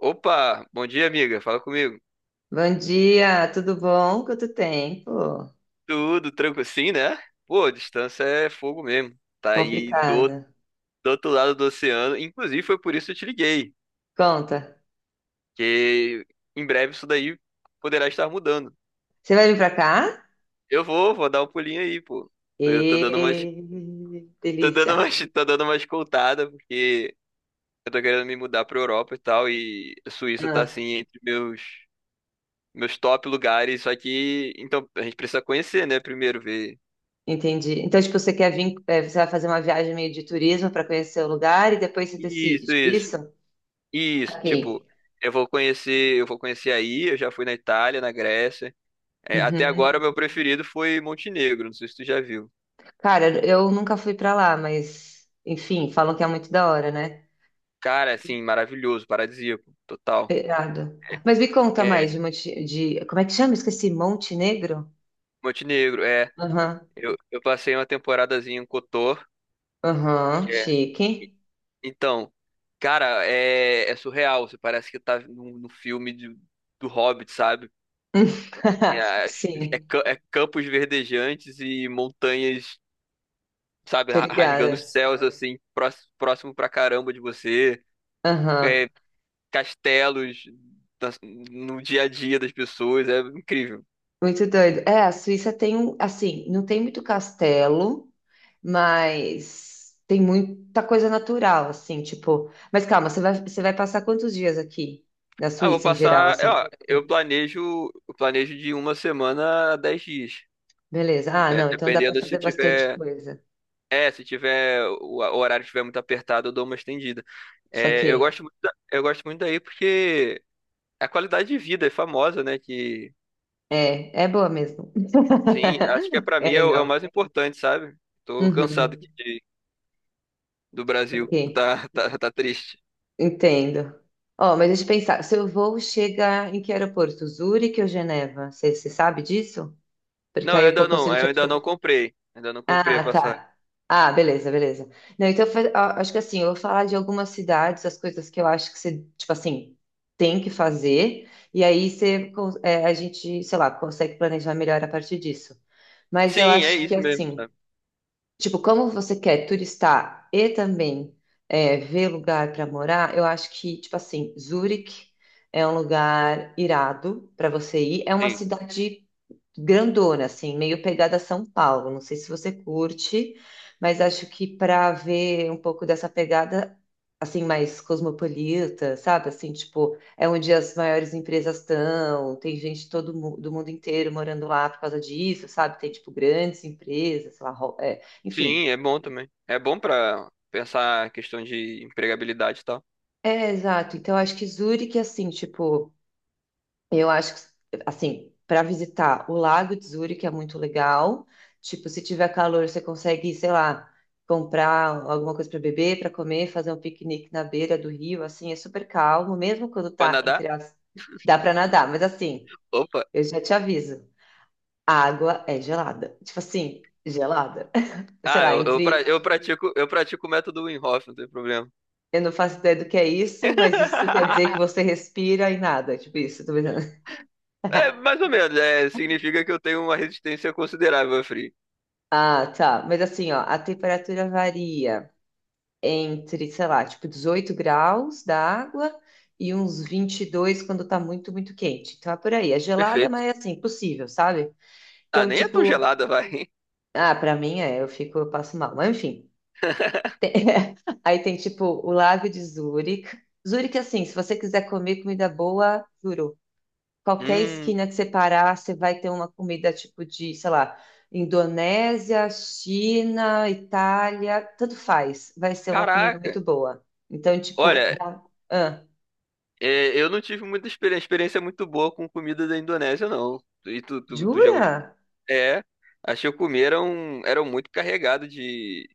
Opa, bom dia, amiga. Fala comigo. Bom dia, tudo bom? Quanto tempo? Tudo tranquilo? Sim, né? Pô, a distância é fogo mesmo. Tá aí do, Complicado. do outro lado do oceano. Inclusive, foi por isso que eu te liguei. Conta. Que em breve isso daí poderá estar mudando. Você vai vir pra cá? Eu vou dar um pulinho aí, pô. Eu tô dando umas, E tô delícia. dando umas, tô dando umas escoltada, porque eu tô querendo me mudar pra Europa e tal. E a Suíça tá Ah, assim entre meus, meus top lugares. Só que, então, a gente precisa conhecer, né? Primeiro, ver. entendi. Então, tipo, você quer vir, você vai fazer uma viagem meio de turismo para conhecer o lugar e depois você decide, Isso, tipo isso. isso? Isso, Ok. tipo, eu vou conhecer aí, eu já fui na Itália, na Grécia. É, até Uhum. agora o meu preferido foi Montenegro, não sei se tu já viu. Cara, eu nunca fui pra lá, mas enfim, falam que é muito da hora, né? Cara, assim, maravilhoso, paradisíaco, total. Irado. Mas me conta mais É, de, de como é que chama? Esqueci, Montenegro? Montenegro, é. Aham, Eu passei uma temporadazinha em Kotor, aham, que é. chique. Então, cara, é surreal. Você parece que tá num filme de- do Hobbit, sabe? É, Sim, é campos verdejantes e montanhas sabe, tô rasgando os ligada. céus assim, próximo pra caramba de você, Aham. é, castelos no dia a dia das pessoas, é incrível. Muito doido. É, a Suíça tem um, assim, não tem muito castelo, mas tem muita coisa natural, assim, tipo. Mas calma, você vai passar quantos dias aqui na Ah, vou Suíça em geral, passar, é, assim? ó, eu planejo de uma semana a 10 dias. Beleza. Ah, É, não, então dá pra dependendo fazer se bastante tiver, coisa. é, se tiver o horário estiver muito apertado, eu dou uma estendida. Isso É, eu aqui. gosto muito, eu gosto muito daí porque a qualidade de vida é famosa, né? Que É, é boa mesmo. sim, acho que é para É mim é é o legal. mais importante, sabe? Tô cansado Uhum. de do Brasil. Ok. Tá triste. Entendo. Ó, mas deixa eu pensar, seu voo chega em que aeroporto? Zurique ou Geneva? Você sabe disso? Porque aí eu consigo te Eu ainda ajudar. não comprei. Ainda não comprei a Ah, passagem. tá. Ah, beleza, beleza. Não, então acho que assim, eu vou falar de algumas cidades, as coisas que eu acho que você, tipo assim, tem que fazer, e aí você, é, a gente, sei lá, consegue planejar melhor a partir disso. Mas eu Sim, é acho que isso mesmo, assim. sabe? Tipo, como você quer turistar e também é, ver lugar para morar, eu acho que, tipo assim, Zurich é um lugar irado para você ir. É uma Sim. cidade grandona, assim, meio pegada São Paulo. Não sei se você curte, mas acho que para ver um pouco dessa pegada, assim, mais cosmopolita, sabe? Assim, tipo, é onde as maiores empresas estão, tem gente do mundo inteiro morando lá por causa disso, sabe? Tem, tipo, grandes empresas, sei lá, é, enfim. Sim, é bom também. É bom pra pensar a questão de empregabilidade e tal. É, exato. Então, acho que Zurique, assim, tipo. Eu acho que, assim, para visitar o Lago de Zurich é muito legal. Tipo, se tiver calor, você consegue, sei lá, comprar alguma coisa para beber, para comer, fazer um piquenique na beira do rio, assim, é super calmo, mesmo quando Pra tá nadar, entre as. Dá para nadar, mas assim, opa. eu já te aviso, a água é gelada. Tipo assim, gelada. Sei Ah, lá, entre. Eu pratico o método Wim Hof, não tem problema. Eu não faço ideia do que é isso, mas isso quer dizer que você respira e nada. Tipo isso, tô pensando. É, mais ou menos, é, significa que eu tenho uma resistência considerável a frio. Ah, tá. Mas assim, ó, a temperatura varia, entre, sei lá, tipo 18 graus da água e uns 22 quando tá muito, muito quente. Então é por aí. É gelada, Perfeito. mas é assim, possível, sabe? Ah, Então, nem é tão tipo, gelada, vai. ah, pra mim é, eu fico, eu passo mal. Mas enfim. Aí tem, tipo, o Lago de Zurique. Zurique, assim, se você quiser comer comida boa, juro. Qualquer Hum, esquina que você parar, você vai ter uma comida tipo de, sei lá, Indonésia, China, Itália, tanto faz. Vai ser uma comida caraca. muito boa. Então, tipo, é Olha, ah, é, eu não tive muita experiência, experiência muito boa com comida da Indonésia, não. E tu já gostou? jura? É, achei que eu comi eram muito carregado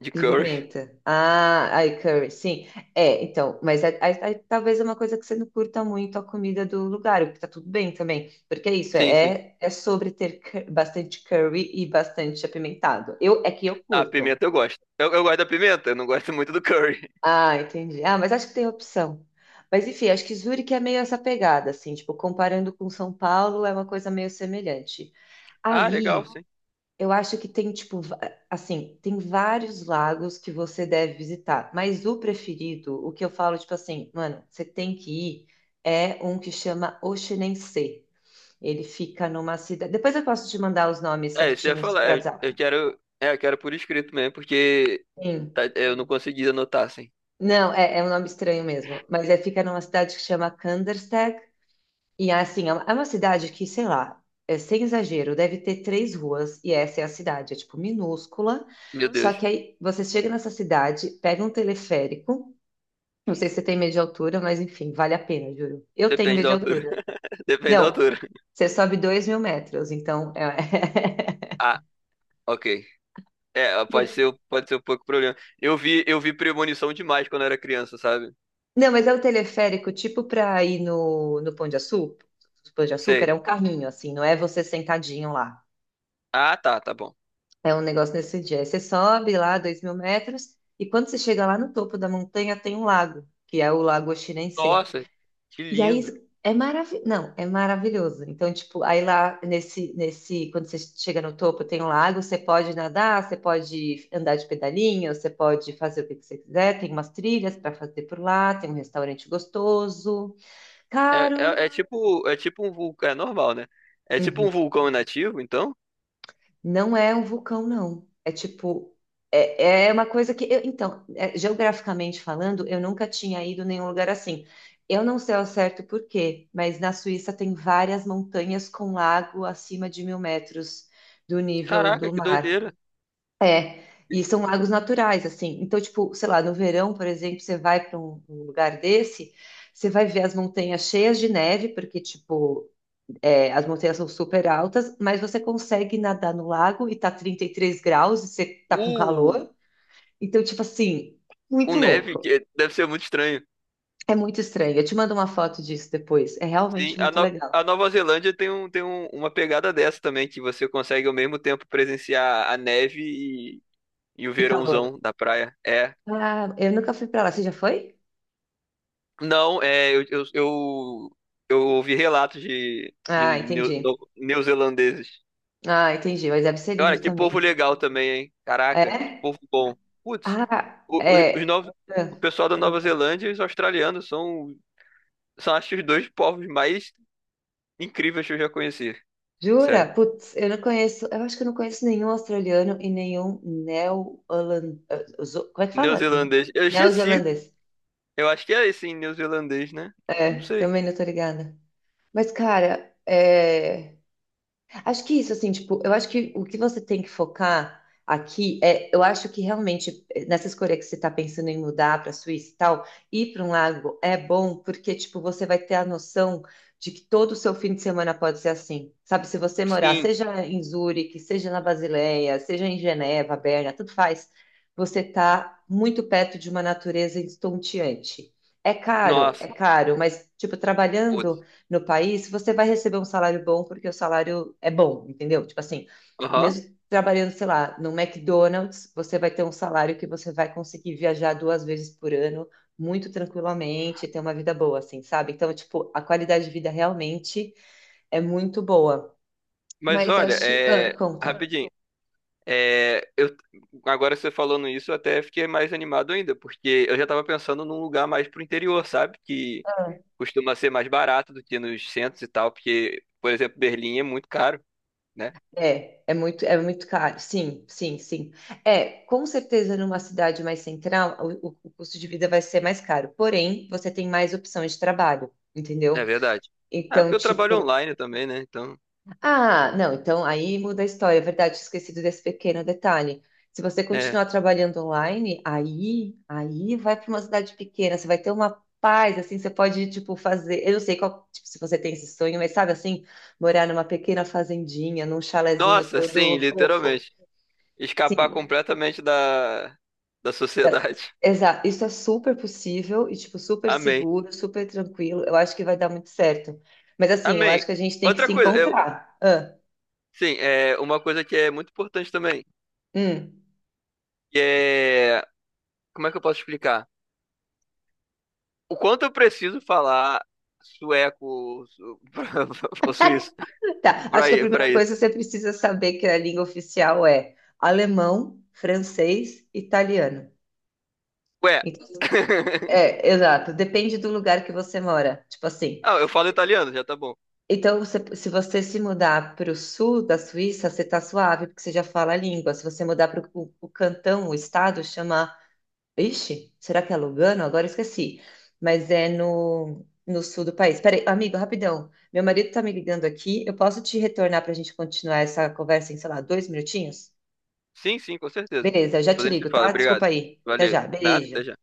de De curry. pimenta. Ah, aí curry, sim. É, então, mas aí, aí talvez é uma coisa que você não curta muito a comida do lugar, o que tá tudo bem também. Porque é isso, Sim, sim. é, é sobre ter bastante curry e bastante apimentado. Eu, é que eu Ah, curto. pimenta eu gosto. Eu gosto da pimenta, eu não gosto muito do curry. Ah, entendi. Ah, mas acho que tem opção. Mas enfim, acho que Zurique é meio essa pegada, assim, tipo, comparando com São Paulo, é uma coisa meio semelhante. Ah, legal, Aí, sim. eu acho que tem, tipo, assim, tem vários lagos que você deve visitar, mas o preferido, o que eu falo, tipo assim, mano, você tem que ir, é um que chama Oxenense. Ele fica numa cidade. Depois eu posso te mandar os nomes É, isso eu ia certinhos por falar. É, eu WhatsApp. quero, é, eu quero por escrito mesmo, porque Sim. Eu não consegui anotar, assim. Não, é, é um nome estranho mesmo, mas é, fica numa cidade que chama Kandersteg. E assim, é uma cidade que, sei lá, é, sem exagero, deve ter três ruas e essa é a cidade, é tipo minúscula. Meu Só Deus. que aí você chega nessa cidade, pega um teleférico. Não sei se você tem medo de altura, mas enfim, vale a pena, juro. Eu tenho Depende medo da de altura. altura. Depende da Não, altura. você sobe 2.000 metros, então. É... Ah, ok. É, pode ser um pouco problema. Eu vi Premonição demais quando eu era criança, sabe? Não, mas é o teleférico tipo para ir no, Pão de Açúcar. Pão de Açúcar é Sei. um carrinho, assim, não é você sentadinho lá. Ah, tá, tá bom. É um negócio nesse dia. Aí você sobe lá 2.000 metros e quando você chega lá no topo da montanha tem um lago, que é o Lago Oxirensê. Nossa, que E aí lindo. é maravilhoso. Não, é maravilhoso. Então, tipo, aí lá quando você chega no topo tem um lago, você pode nadar, você pode andar de pedalinho, você pode fazer o que que você quiser. Tem umas trilhas para fazer por lá, tem um restaurante gostoso, É, caro. É tipo um vulcão, é normal, né? É tipo um Uhum. vulcão inativo, então? Não é um vulcão, não. É tipo, é, é uma coisa que eu, então, é, geograficamente falando, eu nunca tinha ido em nenhum lugar assim. Eu não sei ao certo por quê, mas na Suíça tem várias montanhas com lago acima de 1.000 metros do nível Caraca, do que mar. doideira. É, e são lagos naturais, assim. Então, tipo, sei lá, no verão, por exemplo, você vai para um lugar desse, você vai ver as montanhas cheias de neve, porque, tipo, é, as montanhas são super altas, mas você consegue nadar no lago e tá 33 graus e você tá com Uh, calor. Então, tipo assim, com muito neve, louco. Deve ser muito estranho. É muito estranho. Eu te mando uma foto disso depois. É Sim, realmente a, muito No- legal. a Nova Zelândia tem, um, uma pegada dessa também, que você consegue ao mesmo tempo presenciar a neve e, e o E calor. verãozão da praia. É. Ah, eu nunca fui pra lá. Você já foi? Não, é, eu ouvi relatos de Ah, entendi. Neozelandeses. Ah, entendi. Mas deve ser Cara, lindo que povo também. legal também, hein? Caraca, que É? povo bom. Putz, Ah, os é. novos, Ah, o pessoal da Nova conta. Zelândia e os australianos são, são acho que os dois povos mais incríveis que eu já conheci. Sério. Jura? Putz, eu não conheço, eu acho que eu não conheço nenhum australiano e nenhum neo-holandês. Como é que fala? Neozelandês. Eu esqueci. Neozelandês. Eu acho que é esse em neozelandês, né? Não É, sei. também não tô ligada. Mas, cara, é. Acho que isso, assim, tipo, eu acho que o que você tem que focar aqui é, eu acho que realmente nessa escolha que você está pensando em mudar para a Suíça e tal, ir para um lago é bom porque, tipo, você vai ter a noção de que todo o seu fim de semana pode ser assim, sabe? Se você morar, Sim. seja em Zurique, seja na Basileia, seja em Geneva, Berna, tudo faz, você está muito perto de uma natureza estonteante. É Nossa, caro, mas, tipo, trabalhando putz. no país, você vai receber um salário bom porque o salário é bom, entendeu? Tipo assim, Aham. mesmo trabalhando, sei lá, no McDonald's, você vai ter um salário que você vai conseguir viajar 2 vezes por ano muito tranquilamente, ter uma vida boa, assim, sabe? Então, tipo, a qualidade de vida realmente é muito boa. Mas Mas olha, acho. Ah, é. conta. Rapidinho. É, eu, agora você falando isso, eu até fiquei mais animado ainda, porque eu já tava pensando num lugar mais pro interior, sabe? Que costuma ser mais barato do que nos centros e tal, porque, por exemplo, Berlim é muito caro, né? É, é muito caro. Sim, sim, sim. É, com certeza numa cidade mais central, o custo de vida vai ser mais caro. Porém, você tem mais opções de trabalho, É entendeu? verdade. É Então, porque eu trabalho tipo, online também, né? Então, ah, não, então aí muda a história, é verdade, tinha esquecido desse pequeno detalhe. Se você é. continuar trabalhando online, aí vai para uma cidade pequena, você vai ter uma paz, assim, você pode, tipo, fazer, eu não sei qual, tipo, se você tem esse sonho, mas sabe assim, morar numa pequena fazendinha, num chalezinho Nossa, sim, todo fofo. literalmente. Escapar Sim, completamente da, da sociedade. exato, isso é super possível e, tipo, super Amém. seguro, super tranquilo, eu acho que vai dar muito certo. Mas assim, eu acho Amém. que a gente tem que Outra se coisa, eu, encontrar. Ah, sim, é uma coisa que é muito importante também, hum. que é, como é que eu posso explicar? O quanto eu preciso falar sueco ou ou suíço Tá, acho pra, que a pra primeira coisa isso? você precisa saber que a língua oficial é alemão, francês, italiano. Ué, Então, é, exato, depende do lugar que você mora. Tipo assim, Ah, eu falo italiano, já tá bom. Se você se mudar para o sul da Suíça, você tá suave, porque você já fala a língua. Se você mudar para o cantão, o estado, chama Ixi, será que é Lugano? Agora eu esqueci. Mas é no sul do país. Peraí, amigo, rapidão. Meu marido tá me ligando aqui. Eu posso te retornar para a gente continuar essa conversa em, sei lá, 2 minutinhos? Sim, sim, com certeza. Beleza, eu já Depois te a gente ligo, se fala. tá? Obrigado. Desculpa aí. Até Valeu. já. Nada, até Beijo. já.